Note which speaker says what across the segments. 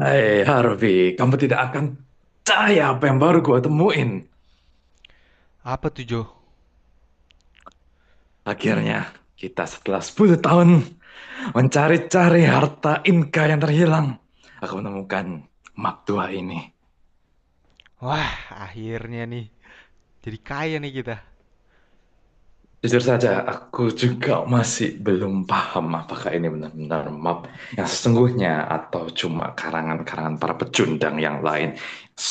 Speaker 1: Hai Harvey, kamu tidak akan percaya apa yang baru gua temuin.
Speaker 2: Apa tuh Jo?
Speaker 1: Akhirnya, kita setelah 10 tahun mencari-cari harta Inka yang terhilang, aku menemukan map tua ini.
Speaker 2: Wah, akhirnya nih. Jadi kaya nih kita.
Speaker 1: Jujur saja, aku juga masih belum paham apakah ini benar-benar map yang sesungguhnya atau cuma karangan-karangan para pecundang yang lain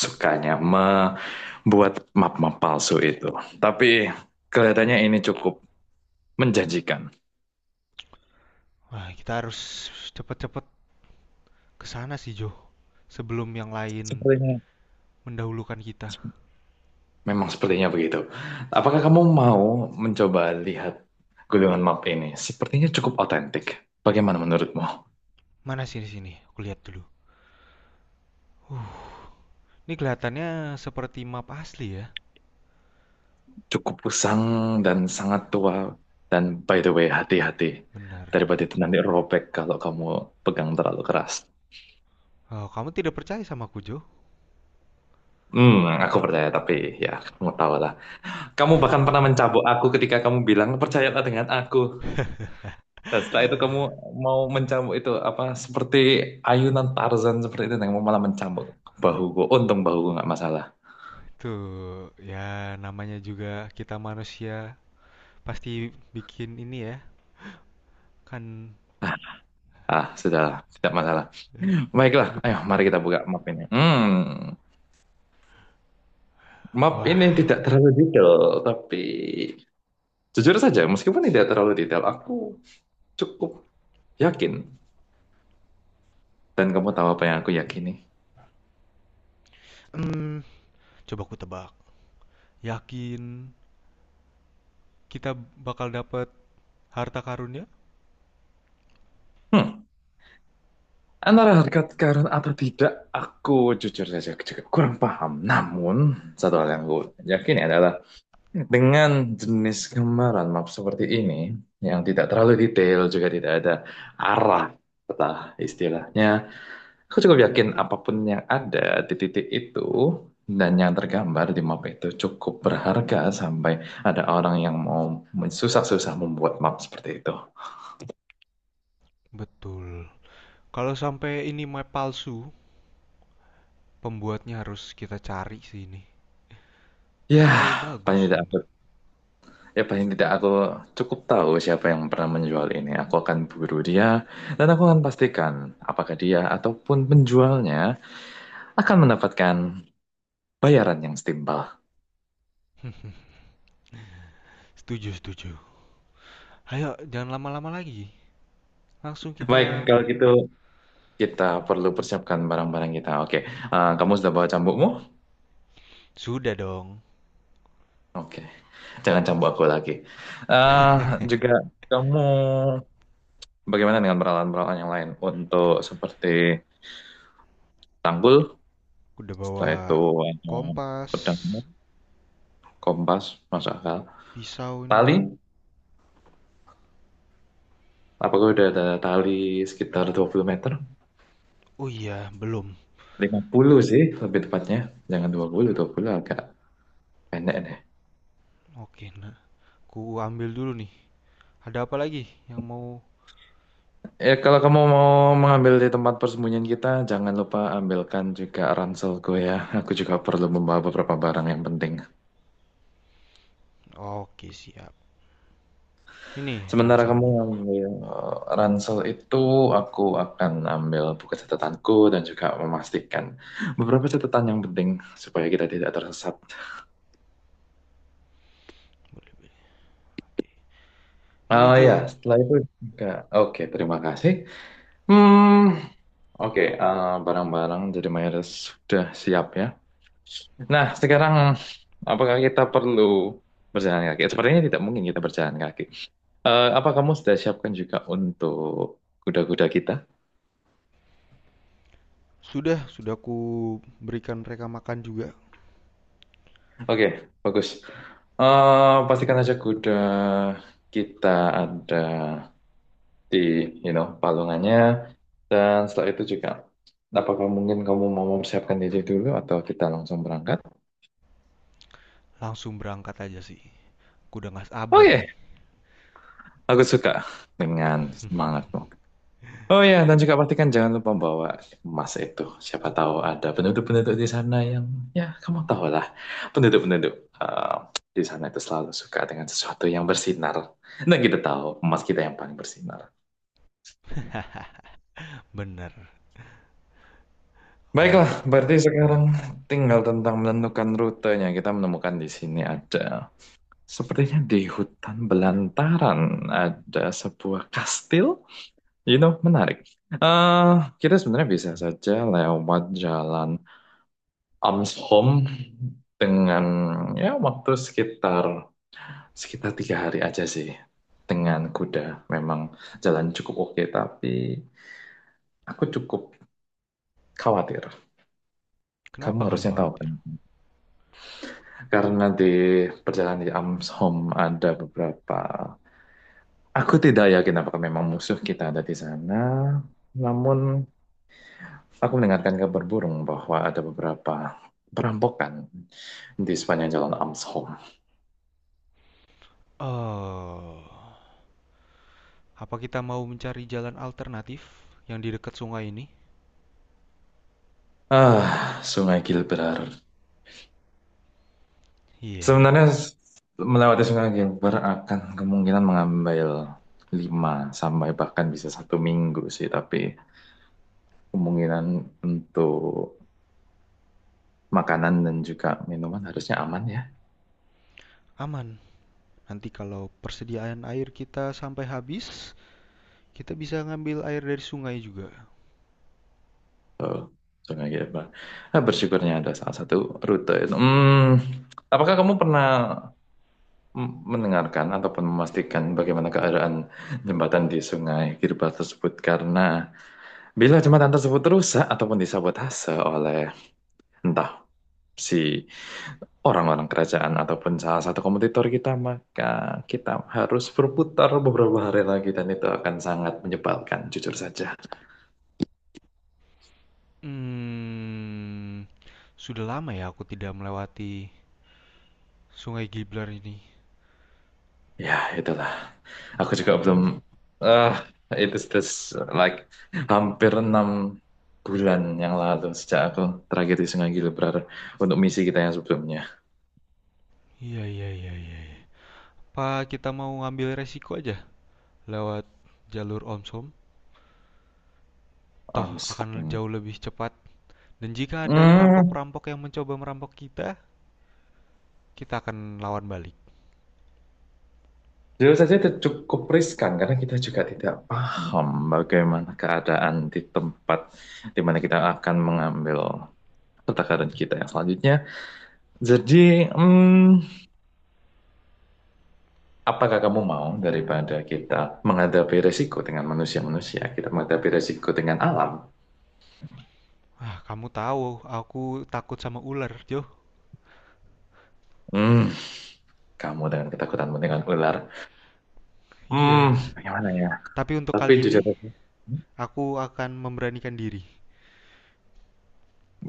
Speaker 1: sukanya membuat map-map palsu itu. Tapi kelihatannya ini cukup menjanjikan.
Speaker 2: Wah, kita harus cepet-cepet kesana sih Jo. Sebelum yang lain
Speaker 1: Sepertinya
Speaker 2: mendahulukan kita.
Speaker 1: Memang sepertinya begitu. Apakah kamu mau mencoba lihat gulungan map ini? Sepertinya cukup otentik. Bagaimana menurutmu?
Speaker 2: Mana sini sini? Aku lihat dulu. Ini kelihatannya seperti map asli ya.
Speaker 1: Cukup usang dan sangat tua. Dan by the way, hati-hati.
Speaker 2: Benar.
Speaker 1: Daripada itu nanti robek kalau kamu pegang terlalu keras.
Speaker 2: Oh, kamu tidak percaya sama aku Jo?
Speaker 1: Aku percaya, tapi ya kamu tahu lah. Kamu bahkan pernah mencabok aku ketika kamu bilang, percayalah dengan aku. Dan setelah itu kamu mau mencambuk itu apa seperti ayunan Tarzan seperti itu yang mau malah mencambuk bahuku. Untung bahuku nggak masalah.
Speaker 2: Tuh, ya namanya juga kita manusia pasti bikin ini ya. Kan
Speaker 1: Ah, sudahlah, tidak masalah. Baiklah, ayo mari
Speaker 2: lupakan.
Speaker 1: kita buka map ini. Map ini
Speaker 2: Wah,
Speaker 1: tidak terlalu detail, tapi jujur saja meskipun tidak terlalu detail, aku cukup yakin dan kamu tahu apa yang aku yakini.
Speaker 2: hmm, coba aku tebak. Yakin kita bakal dapat harta karunnya?
Speaker 1: Hmm, antara harga karun atau tidak, aku jujur saja juga kurang paham. Namun, satu hal yang aku yakini adalah dengan jenis gambaran map seperti ini, yang tidak terlalu detail, juga tidak ada arah peta istilahnya, aku cukup yakin apapun yang ada di titik itu dan yang tergambar di map itu cukup berharga sampai ada orang yang mau susah-susah membuat map seperti itu.
Speaker 2: Betul. Kalau sampai ini map palsu, pembuatnya harus kita cari sih ini.
Speaker 1: Ya,
Speaker 2: Terlalu
Speaker 1: paling
Speaker 2: bagus
Speaker 1: tidak aku,
Speaker 2: untuk.
Speaker 1: paling tidak aku cukup tahu siapa yang pernah menjual ini. Aku akan buru dia dan aku akan pastikan apakah dia ataupun penjualnya akan mendapatkan bayaran yang setimpal.
Speaker 2: Setuju, setuju. Ayo, jangan lama-lama lagi. Langsung kita.
Speaker 1: Baik, kalau gitu kita perlu persiapkan barang-barang kita. Oke. Kamu sudah bawa cambukmu?
Speaker 2: Sudah dong.
Speaker 1: Oke, jangan cambuk aku lagi. Eh juga kamu bagaimana dengan peralatan-peralatan yang lain untuk seperti tanggul,
Speaker 2: Udah
Speaker 1: setelah
Speaker 2: bawa
Speaker 1: itu ada
Speaker 2: kompas,
Speaker 1: pedangmu, kompas, masuk akal.
Speaker 2: pisau nih.
Speaker 1: Tali, apakah udah ada tali sekitar 20 meter?
Speaker 2: Oh iya, belum.
Speaker 1: 50 sih lebih tepatnya. Jangan 20, 20 agak pendek deh.
Speaker 2: Oke, nah. Ku ambil dulu nih. Ada apa lagi yang mau?
Speaker 1: Ya, kalau kamu mau mengambil di tempat persembunyian kita, jangan lupa ambilkan juga ranselku ya. Aku juga perlu membawa beberapa barang yang penting.
Speaker 2: Oke, siap. Ini
Speaker 1: Sementara kamu
Speaker 2: ranselmu.
Speaker 1: ambil ransel itu, aku akan ambil buku catatanku dan juga memastikan beberapa catatan yang penting supaya kita tidak tersesat.
Speaker 2: Oke.
Speaker 1: Oh
Speaker 2: Ini
Speaker 1: ya,
Speaker 2: Joe.
Speaker 1: setelah itu juga. Oke, terima kasih. Hmm, oke, barang-barang jadi mayoritas sudah siap ya. Nah, sekarang apakah kita perlu berjalan kaki? Sepertinya tidak mungkin kita berjalan kaki. Apa kamu sudah siapkan juga untuk kuda-kuda kita?
Speaker 2: Sudah ku berikan mereka makan juga.
Speaker 1: Oke, bagus. Pastikan saja kuda kita ada di palungannya. Dan setelah itu juga, apakah mungkin kamu mau mempersiapkan diri dulu atau kita langsung berangkat?
Speaker 2: Langsung berangkat aja sih. Aku udah nggak sabar
Speaker 1: Oke,
Speaker 2: nih.
Speaker 1: aku suka dengan semangatmu. Oh ya, dan juga pastikan jangan lupa bawa emas itu. Siapa tahu ada penduduk-penduduk di sana yang, ya kamu tahu lah, penduduk-penduduk eh, di sana itu selalu suka dengan sesuatu yang bersinar. Dan kita tahu emas kita yang paling bersinar.
Speaker 2: Bener.
Speaker 1: Baiklah,
Speaker 2: Oke,
Speaker 1: berarti
Speaker 2: mari
Speaker 1: sekarang
Speaker 2: kita.
Speaker 1: tinggal tentang menentukan rutenya. Kita menemukan di sini ada, sepertinya di hutan belantaran ada sebuah kastil. Menarik. eh kita sebenarnya bisa saja lewat jalan Ams home dengan ya waktu sekitar sekitar 3 hari aja sih dengan kuda. Memang jalan cukup oke, tapi aku cukup khawatir. Kamu
Speaker 2: Kenapa kamu
Speaker 1: harusnya tahu
Speaker 2: khawatir?
Speaker 1: kan, karena di perjalanan di Ams home ada beberapa. Aku tidak yakin apakah memang musuh kita ada di sana, namun aku mendengarkan kabar burung bahwa ada beberapa perampokan di sepanjang jalan Amshom.
Speaker 2: Oh, apa kita mau mencari jalan alternatif yang di dekat sungai ini?
Speaker 1: Ah, Sungai Gilbert.
Speaker 2: Iya, yeah,
Speaker 1: Sebenarnya melewati Sungai Gilbert akan kemungkinan mengambil 5 sampai bahkan bisa 1 minggu sih, tapi kemungkinan untuk makanan dan juga minuman harusnya aman ya.
Speaker 2: aman. Nanti kalau persediaan air kita sampai habis, kita bisa ngambil air dari sungai juga.
Speaker 1: Oh, Sungai Gilbert. Ah, bersyukurnya ada salah satu rute itu. Apakah kamu pernah mendengarkan ataupun memastikan bagaimana keadaan jembatan di Sungai Gilbert tersebut? Karena bila jembatan tersebut rusak ataupun disabotase oleh entah si orang-orang kerajaan ataupun salah satu kompetitor kita, maka kita harus berputar beberapa hari lagi dan itu akan sangat menyebalkan, jujur saja.
Speaker 2: Hmm, sudah lama ya aku tidak melewati Sungai Giblar ini.
Speaker 1: Ya, itulah. Aku juga belum,
Speaker 2: Oh,
Speaker 1: ah it is this, like, hampir 6 bulan yang lalu sejak aku tragedi Sungai Gilbrar untuk misi kita yang sebelumnya.
Speaker 2: iya iya iya iya. Apa kita mau ngambil resiko aja? Lewat jalur Omsom, toh
Speaker 1: Um, s-
Speaker 2: akan
Speaker 1: hmm.
Speaker 2: jauh lebih cepat. Dan jika ada
Speaker 1: Hmm,
Speaker 2: perampok-perampok yang mencoba merampok kita, kita akan lawan balik.
Speaker 1: jujur saja itu cukup riskan karena kita juga tidak paham bagaimana keadaan di tempat di mana kita akan mengambil pertakaran kita yang selanjutnya. Jadi, apakah kamu mau daripada kita menghadapi resiko dengan manusia-manusia, kita menghadapi resiko dengan alam?
Speaker 2: Ah, kamu tahu, aku takut sama ular, Jo.
Speaker 1: Hmm, kamu dengan ketakutanmu dengan ular.
Speaker 2: Iya.
Speaker 1: Bagaimana ya?
Speaker 2: Tapi untuk
Speaker 1: Tapi
Speaker 2: kali ini,
Speaker 1: jujur, Hmm,
Speaker 2: aku akan memberanikan diri.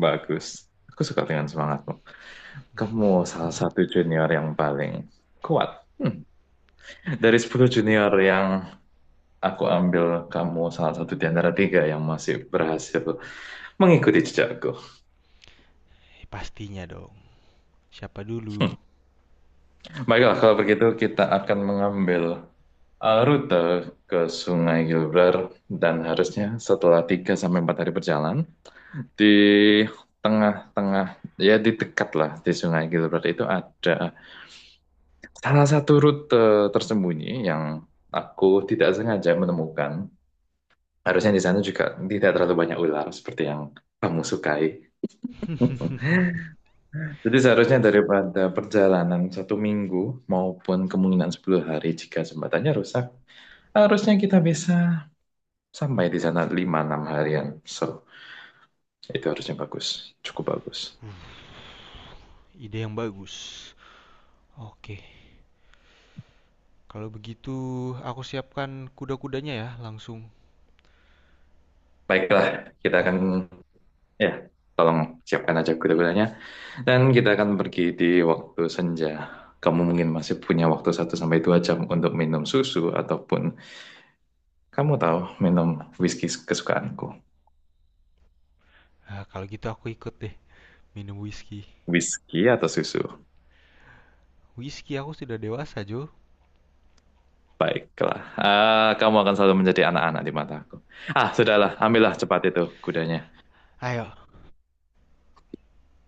Speaker 1: bagus. Aku suka dengan semangatmu. Kamu salah satu junior yang paling kuat. Hmm. Dari 10 junior yang aku ambil, kamu salah satu di antara tiga yang masih berhasil mengikuti jejakku.
Speaker 2: Pastinya dong. Siapa dulu?
Speaker 1: Baiklah, kalau begitu kita akan mengambil rute ke Sungai Gilbrar dan harusnya setelah 3 sampai 4 hari berjalan di tengah-tengah ya di dekat lah di Sungai Gilbrar itu ada salah satu rute tersembunyi yang aku tidak sengaja menemukan. Harusnya di sana juga tidak terlalu banyak ular seperti yang kamu sukai. Jadi seharusnya daripada perjalanan 1 minggu maupun kemungkinan 10 hari jika jembatannya rusak, harusnya kita bisa sampai di sana 5 6 harian. So, itu harusnya bagus. Cukup bagus.
Speaker 2: Ide yang bagus. Oke. Kalau begitu, aku siapkan kuda-kudanya ya, langsung
Speaker 1: Baiklah, kita akan
Speaker 2: kita.
Speaker 1: ya tolong siapkan aja kuda-kudanya. Dan kita akan pergi di waktu senja. Kamu mungkin masih punya waktu 1 sampai 2 jam untuk minum susu ataupun kamu tahu minum whisky kesukaanku.
Speaker 2: Ah, kalau gitu aku ikut deh, minum whisky.
Speaker 1: Whisky atau susu?
Speaker 2: Whisky aku sudah dewasa, Jo.
Speaker 1: Baiklah. Ah, kamu akan selalu menjadi anak-anak di mataku. Ah, sudahlah. Ambillah cepat itu kudanya.
Speaker 2: Ayo,